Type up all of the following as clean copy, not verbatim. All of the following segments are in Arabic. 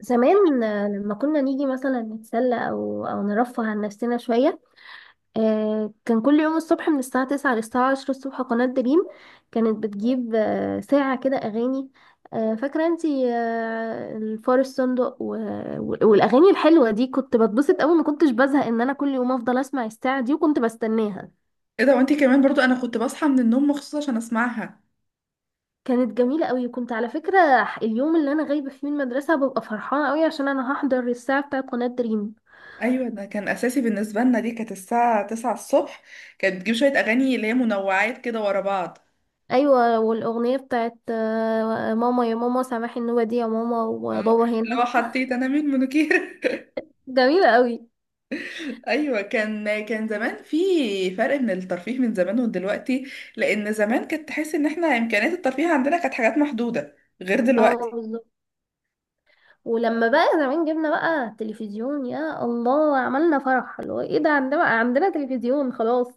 زمان، لما كنا نيجي مثلا نتسلى أو نرفه عن نفسنا شوية. كان كل يوم الصبح من الساعة تسعة للساعة عشرة الصبح قناة دريم. كانت بتجيب ساعة كده أغاني. فاكرة انتي، الفار الصندوق والأغاني الحلوة دي، كنت بتبسط أوي، ما كنتش بزهق إن أنا كل يوم أفضل أسمع الساعة دي، وكنت بستناها. ايه ده؟ وانتي كمان برضو انا كنت بصحى من النوم مخصوص عشان اسمعها. كانت جميلة أوي، كنت على فكرة. اليوم اللي أنا غايبة فيه من المدرسة ببقى فرحانة أوي عشان أنا هحضر الساعة بتاعة قناة دريم. ايوه، ده كان اساسي بالنسبه لنا، دي كانت الساعه 9 الصبح. كانت بتجيب شويه اغاني اللي هي منوعات كده ورا بعض. ايوه، والاغنيه بتاعت ماما يا ماما سامحي النوبه دي يا ماما، اه، وبابا اللي هنا. هو حطيت انا مين منوكير. جميله قوي. ايوه، كان زمان في فرق من الترفيه من زمان ودلوقتي، لان زمان كانت تحس ان احنا امكانيات الترفيه عندنا كانت حاجات محدوده، غير اه، دلوقتي. بالظبط. ولما بقى زمان جبنا بقى تلفزيون، يا الله، عملنا فرح، اللي هو ايه ده، عندنا بقى عندنا تلفزيون خلاص.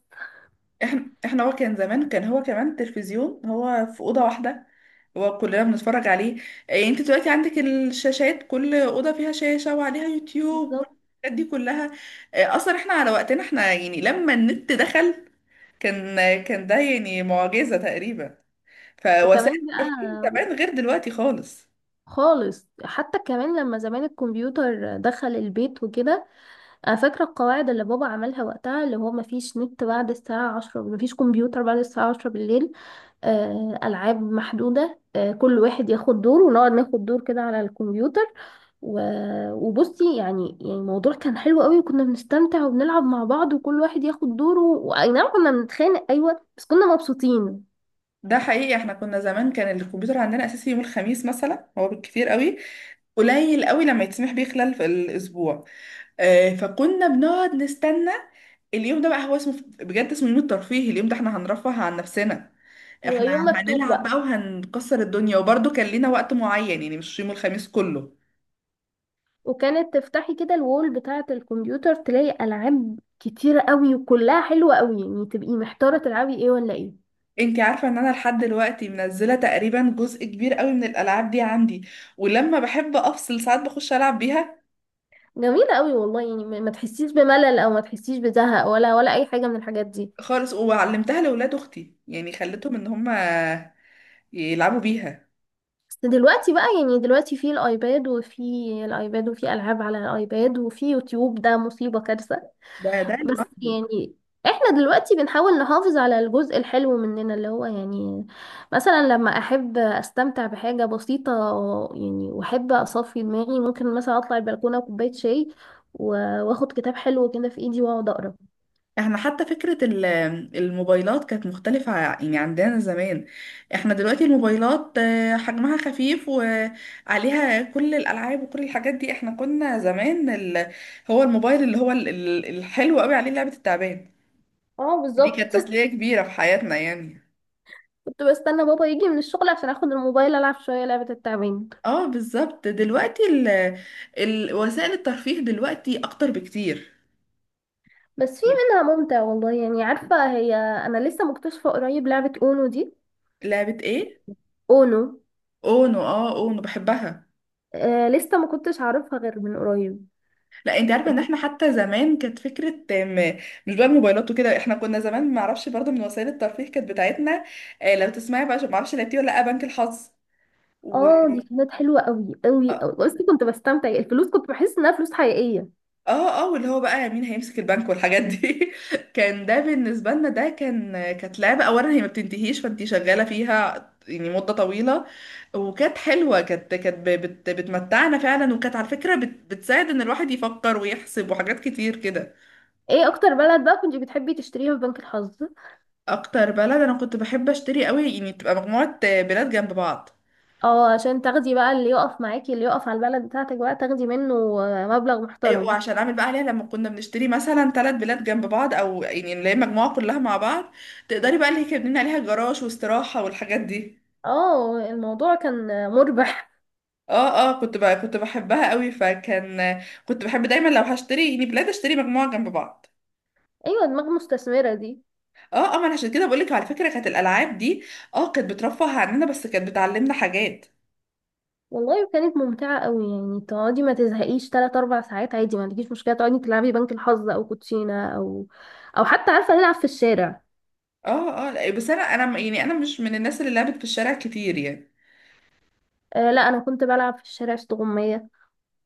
احنا هو كان زمان، كان هو كمان تلفزيون هو في اوضه واحده، هو كلنا بنتفرج عليه. إيه، انت دلوقتي عندك الشاشات، كل اوضه فيها شاشه وعليها يوتيوب بالظبط. والحاجات دي كلها. إيه، اصلا احنا على وقتنا احنا يعني لما النت دخل، كان كان ده يعني معجزه تقريبا. فوسائل وكمان الترفيه بقى زمان غير دلوقتي خالص. خالص، حتى كمان لما زمان الكمبيوتر دخل البيت وكده. انا فاكره القواعد اللي بابا عملها وقتها، اللي هو مفيش نت بعد الساعه 10، مفيش كمبيوتر بعد الساعه 10 بالليل. ألعاب محدودة، كل واحد ياخد دور، ونقعد ناخد دور كده على الكمبيوتر. وبصي يعني الموضوع كان حلو قوي، وكنا بنستمتع وبنلعب مع بعض، وكل واحد ياخد دوره، واي نعم كنا بنتخانق، ايوه، بس كنا مبسوطين. ده حقيقي، احنا كنا زمان كان الكمبيوتر عندنا اساسي يوم الخميس مثلا، هو بالكتير قوي قليل قوي لما يتسمح بيه خلال في الاسبوع. فكنا بنقعد نستنى. اليوم ده بقى هو اسمه بجد اسمه يوم الترفيه، اليوم ده احنا هنرفه عن نفسنا. هو احنا يوم مفتوح هنلعب بقى. بقى وهنكسر الدنيا، وبرضه كان لينا وقت معين يعني مش يوم الخميس كله. وكانت تفتحي كده الوول بتاعة الكمبيوتر، تلاقي ألعاب كتيرة قوي، وكلها حلوة قوي، يعني تبقي محتارة تلعبي ايه ولا ايه. انتي عارفة ان انا لحد دلوقتي منزلة تقريبا جزء كبير قوي من الالعاب دي عندي، ولما بحب افصل ساعات بخش العب بيها. جميلة قوي والله، يعني ما تحسيش بملل، او ما تحسيش بزهق، ولا اي حاجة من الحاجات دي. خالص، وعلمتها لاولاد اختي يعني خليتهم ان هم يلعبوا بيها. دلوقتي بقى، يعني دلوقتي في الايباد وفي الايباد، وفي العاب على الايباد، وفي يوتيوب، ده مصيبة، كارثة. ده بس لوحده. يعني احنا دلوقتي بنحاول نحافظ على الجزء الحلو مننا، اللي هو يعني مثلا لما احب استمتع بحاجة بسيطة، يعني واحب اصفي دماغي، ممكن مثلا اطلع البلكونة وكوباية شاي، واخد كتاب حلو كده في ايدي واقعد اقرا. احنا حتى فكرة الموبايلات كانت مختلفة، يعني عندنا زمان. احنا دلوقتي الموبايلات حجمها خفيف وعليها كل الألعاب وكل الحاجات دي. احنا كنا زمان ال... هو الموبايل اللي هو الحلو قوي عليه لعبة التعبان، اه، دي بالظبط. كانت تسلية كبيرة في حياتنا يعني. كنت بستنى بابا يجي من الشغل عشان اخد الموبايل، العب شوية لعبة التعبان. اه بالظبط، دلوقتي ال... ال... وسائل الترفيه دلوقتي أكتر بكتير. بس في يب. منها ممتع والله. يعني عارفة، هي أنا لسه مكتشفة قريب لعبة أونو دي. لعبة ايه؟ أونو. اونو. اه، اونو بحبها. آه لسه ما كنتش أعرفها غير من قريب. لا، انت عارفه ان احنا حتى زمان كانت فكره، مش بقى الموبايلات وكده، احنا كنا زمان ما اعرفش برضو من وسائل الترفيه كانت بتاعتنا لو تسمعي بقى، ما اعرفش لعبتيه ولا لا، بنك الحظ. و اه دي كانت حلوة قوي قوي اه قوي، بس كنت بستمتع، الفلوس كنت بحس إنها فلوس حقيقية. اه، واللي هو بقى مين هيمسك البنك والحاجات دي. كان ده بالنسبه لنا، ده كان كانت لعبه اولا هي ما بتنتهيش فانت شغاله فيها يعني مده طويله. وكانت حلوه، كانت بتمتعنا فعلا، وكانت على فكره بتساعد ان الواحد يفكر ويحسب وحاجات كتير كده. ايه أكتر بلد بقى كنت بتحبي تشتريها في بنك الحظ؟ اكتر بلد انا كنت بحب اشتري قوي يعني تبقى مجموعة بلاد جنب بعض. اه عشان تاخدي بقى اللي يقف معاكي، اللي يقف على البلد بتاعتك بقى تاخدي منه مبلغ ايوه، محترم. وعشان اعمل بقى عليها لما كنا بنشتري مثلا ثلاث بلاد جنب بعض، او يعني اللي هي مجموعة كلها مع بعض، تقدري بقى اللي هي كان بنبني عليها جراج واستراحة والحاجات دي. اه، الموضوع كان مربح. اه اه، كنت بقى كنت بحبها قوي، فكان كنت بحب دايما لو هشتري يعني بلاد اشتري مجموعة جنب بعض. ايوه، دماغ مستثمرة دي. اه اه، ما انا عشان كده بقولك على فكرة، كانت الالعاب دي اه كانت بترفه عننا بس كانت بتعلمنا حاجات. والله كانت ممتعة قوي، يعني تقعدي ما تزهقيش تلات أربع ساعات عادي، ما عندكيش مشكلة تقعدي تلعبي بنك الحظ أو كوتشينة أو حتى عارفة نلعب في الشارع. اه اه لا، بس انا يعني انا مش من الناس اللي لعبت في الشارع كتير يعني، آه لا، أنا كنت بلعب في الشارع استغمية.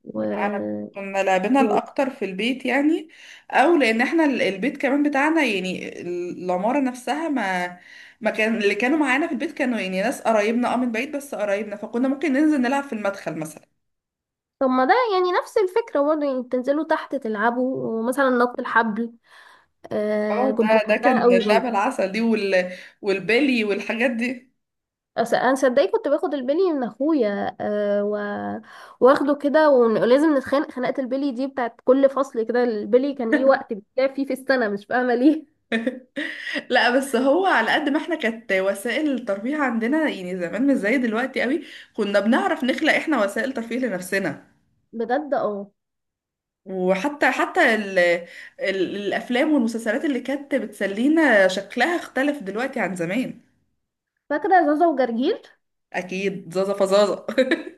و... انا كنا لعبنا و... الاكتر في البيت يعني. او لان احنا البيت كمان بتاعنا يعني العماره نفسها ما ما كان اللي كانوا معانا في البيت كانوا يعني ناس قرايبنا، اه، من بعيد بس قرايبنا، فكنا ممكن ننزل نلعب في المدخل مثلا. طب ما ده يعني نفس الفكرة برضه، يعني تنزلوا تحت تلعبوا، ومثلا نط الحبل. آه اه، كنت ده كان بحبها قوي اللعبه برضه. العسل دي، وال، والبلي والحاجات دي. انا صدقني كنت باخد البلي من اخويا واخده كده، ولازم نتخانق خناقه البلي دي، بتاعت كل فصل كده البلي كان ليه وقت بيتلعب فيه في السنه، مش فاهمه ليه. لا، بس هو على قد ما احنا كانت وسائل الترفيه عندنا يعني زمان مش زي دلوقتي قوي، كنا بنعرف نخلق احنا وسائل ترفيه لنفسنا. بجد اه. وحتى حتى ال ال الافلام والمسلسلات اللي كانت بتسلينا شكلها اختلف دلوقتي عن زمان. فاكره زازا وجرجير. اكيد زازا، فزازا.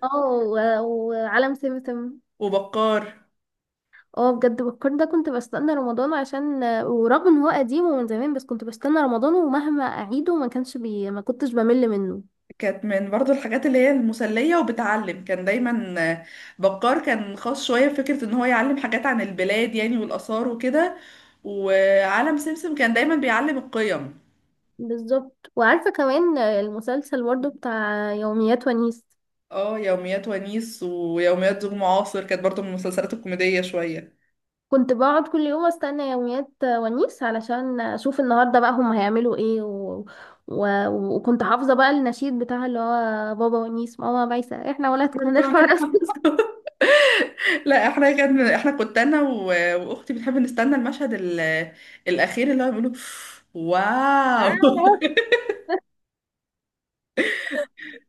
اه، وعالم سمسم. وبكار. اه بجد، بكر ده كنت بستنى رمضان، عشان ورغم ان هو قديم ومن زمان، بس كنت بستنى رمضان، ومهما اعيده ما كانش بي... ما كنتش بمل منه. كانت من برضو الحاجات اللي هي المسلية وبتعلم، كان دايما بكار كان خاص شوية بفكرة ان هو يعلم حاجات عن البلاد يعني والآثار وكده، وعالم سمسم كان دايما بيعلم القيم. بالظبط، وعارفه كمان المسلسل برضه بتاع يوميات ونيس. اه، يوميات ونيس ويوميات زوج معاصر كانت برضو من المسلسلات الكوميدية شوية. كنت بقعد كل يوم استنى يوميات ونيس علشان اشوف النهارده بقى هم هيعملوا ايه وكنت حافظه بقى النشيد بتاع، اللي هو بابا ونيس، ماما بايسه، احنا ولادكم هنرفع راسنا. لا احنا كان احنا كنت انا واختي بنحب نستنى المشهد الاخير اللي هو بيقولوا واو. آه.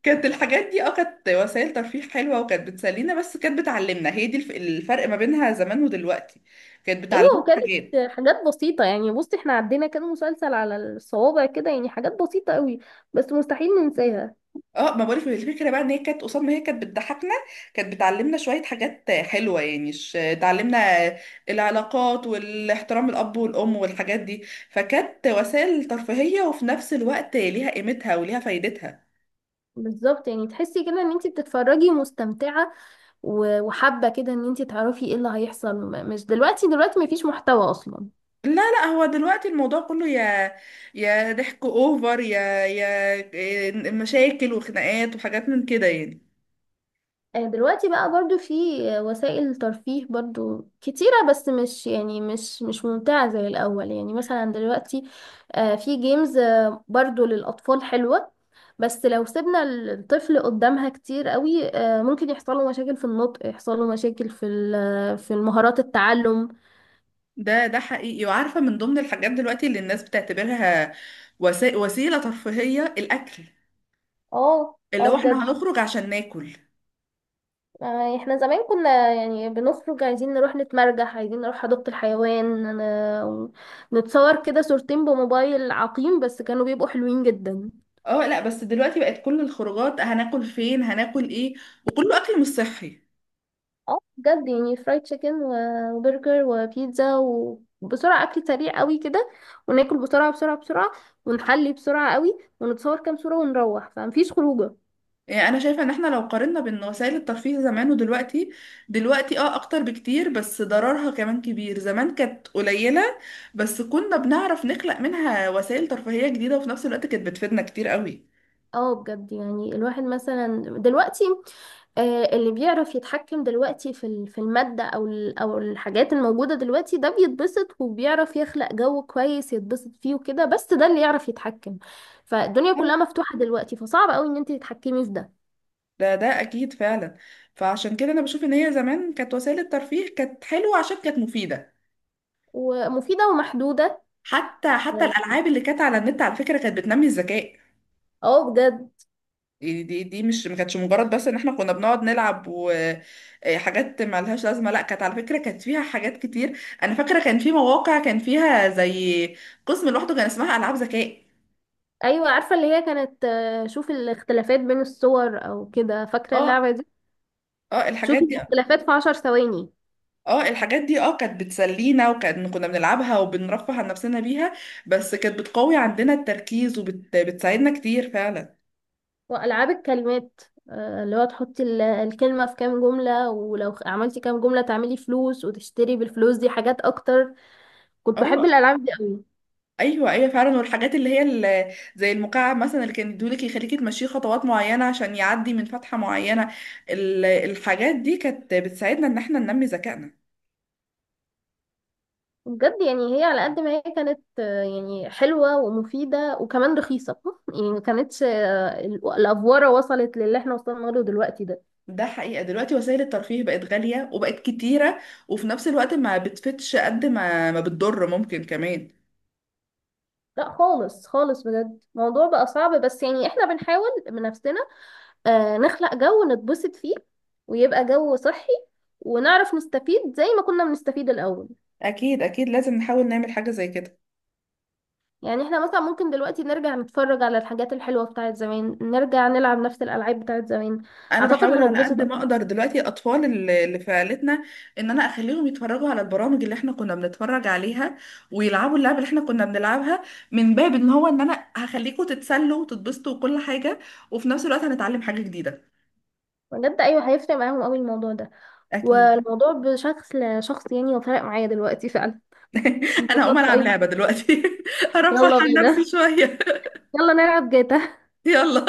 كانت الحاجات دي اه كانت وسائل ترفيه حلوه وكانت بتسلينا بس كانت بتعلمنا، هي دي الفرق ما بينها زمان ودلوقتي، كانت بتعلمنا ايوه، كانت حاجات. حاجات بسيطه، يعني بصي احنا عدينا كان مسلسل على الصوابع كده، يعني حاجات بسيطه قوي، بس مستحيل ننساها. اه، ما بقولك الفكره بقى ان هي كانت قصاد ما هي كانت بتضحكنا، كانت بتعلمنا شويه حاجات حلوه يعني، تعلمنا العلاقات والاحترام، الاب والام والحاجات دي. فكانت وسائل ترفيهيه، وفي نفس الوقت ليها قيمتها وليها فايدتها. بالظبط، يعني تحسي كده ان انت بتتفرجي مستمتعه، وحابه كده ان انت تعرفي ايه اللي هيحصل، مش دلوقتي مفيش محتوى اصلا. لا لا، هو دلوقتي الموضوع كله يا ضحك اوفر، يا مشاكل وخناقات وحاجات من كده يعني. دلوقتي بقى برضو في، وسائل ترفيه برضو كتيرة، بس مش، يعني مش ممتعة زي الأول، يعني مثلا دلوقتي في جيمز، برضو للأطفال حلوة، بس لو سيبنا الطفل قدامها كتير قوي ممكن يحصل له مشاكل في النطق، يحصل له مشاكل في المهارات التعلم. ده حقيقي، وعارفه من ضمن الحاجات دلوقتي اللي الناس بتعتبرها وسيله ترفيهيه، الاكل. اه اللي اه، هو احنا بجد. هنخرج عشان ناكل. احنا زمان كنا يعني بنخرج عايزين نروح نتمرجح، عايزين نروح حديقة الحيوان، نتصور كده صورتين بموبايل عقيم، بس كانوا بيبقوا حلوين جدا. اه لا، بس دلوقتي بقت كل الخروجات هناكل فين، هناكل ايه، وكله اكل مش صحي. اه بجد، يعني فرايد تشيكن وبرجر وبيتزا، وبسرعة، أكل سريع قوي كده، وناكل بسرعة بسرعة بسرعة، ونحلي بسرعة قوي، ونتصور كام صورة ونروح، فمفيش خروجة. يعني انا شايفه ان احنا لو قارنا بين وسائل الترفيه زمان ودلوقتي، دلوقتي اه اكتر بكتير بس ضررها كمان كبير، زمان كانت قليله بس كنا بنعرف نخلق منها وسائل ترفيهيه جديده، وفي نفس الوقت كانت بتفيدنا كتير قوي. اه بجد، يعني الواحد مثلا دلوقتي اللي بيعرف يتحكم دلوقتي في المادة، أو الحاجات الموجودة دلوقتي، ده بيتبسط وبيعرف يخلق جو كويس يتبسط فيه وكده، بس ده اللي يعرف يتحكم. فالدنيا كلها مفتوحة دلوقتي، فصعب قوي إن أنت تتحكمي في ده. ده اكيد فعلا. فعشان كده انا بشوف ان هي زمان كانت وسائل الترفيه كانت حلوه عشان كانت مفيده. ومفيدة ومحدودة. حتى اه. الالعاب اللي كانت على النت على فكره كانت بتنمي الذكاء. بجد. يعني دي مش ما كانتش مجرد بس ان احنا كنا بنقعد نلعب وحاجات ما لهاش لازمه، لا كانت على فكره كانت فيها حاجات كتير. انا فاكره كان في مواقع كان فيها زي قسم لوحده كان اسمها العاب ذكاء. أيوة، عارفة اللي هي كانت شوفي الاختلافات بين الصور أو كده، فاكرة اه اللعبة دي؟ اه، الحاجات شوفي دي. الاختلافات في عشر ثواني. اه الحاجات دي اه كانت بتسلينا، وكان كنا بنلعبها وبنرفه عن نفسنا بيها، بس كانت بتقوي عندنا التركيز وبتساعدنا كتير فعلا. وألعاب الكلمات، اللي هو تحطي الكلمة في كام جملة، ولو عملتي كام جملة تعملي فلوس، وتشتري بالفلوس دي حاجات أكتر. كنت بحب اه الألعاب دي قوي. ايوه ايوه فعلا، والحاجات اللي هي زي المكعب مثلا اللي كان يدولك يخليك تمشيه خطوات معينه عشان يعدي من فتحه معينه، الحاجات دي كانت بتساعدنا ان احنا ننمي ذكائنا. بجد، يعني هي على قد ما هي كانت يعني حلوة ومفيدة وكمان رخيصة. يعني ما كانتش الأفوارة وصلت للي احنا وصلنا له دلوقتي ده. ده حقيقه، دلوقتي وسائل الترفيه بقت غاليه وبقت كتيره، وفي نفس الوقت ما بتفتش قد ما ما بتضر، ممكن كمان. لا خالص خالص، بجد الموضوع بقى صعب، بس يعني احنا بنحاول بنفسنا نخلق جو نتبسط فيه، ويبقى جو صحي، ونعرف نستفيد زي ما كنا بنستفيد الأول. اكيد اكيد، لازم نحاول نعمل حاجه زي كده. يعني احنا مثلا ممكن دلوقتي نرجع نتفرج على الحاجات الحلوة بتاعت زمان، نرجع نلعب نفس الألعاب بتاعت زمان. انا أعتقد بحاول على قد هنتبسط ما أكتر. اقدر دلوقتي الاطفال اللي في عيلتنا، ان انا اخليهم يتفرجوا على البرامج اللي احنا كنا بنتفرج عليها ويلعبوا اللعبه اللي احنا كنا بنلعبها، من باب ان هو ان انا هخليكم تتسلوا وتتبسطوا وكل حاجه، وفي نفس الوقت هنتعلم حاجه جديده. بجد أيوة، هيفرق معاهم أوي الموضوع ده. اكيد. والموضوع بشكل شخص يعني وفرق معايا دلوقتي فعلا. انا هقوم انبسطت العب أوي. لعبه دلوقتي. ارفه يلا عن نفسي بينا، شويه. يلا نلعب جاتا. يلا.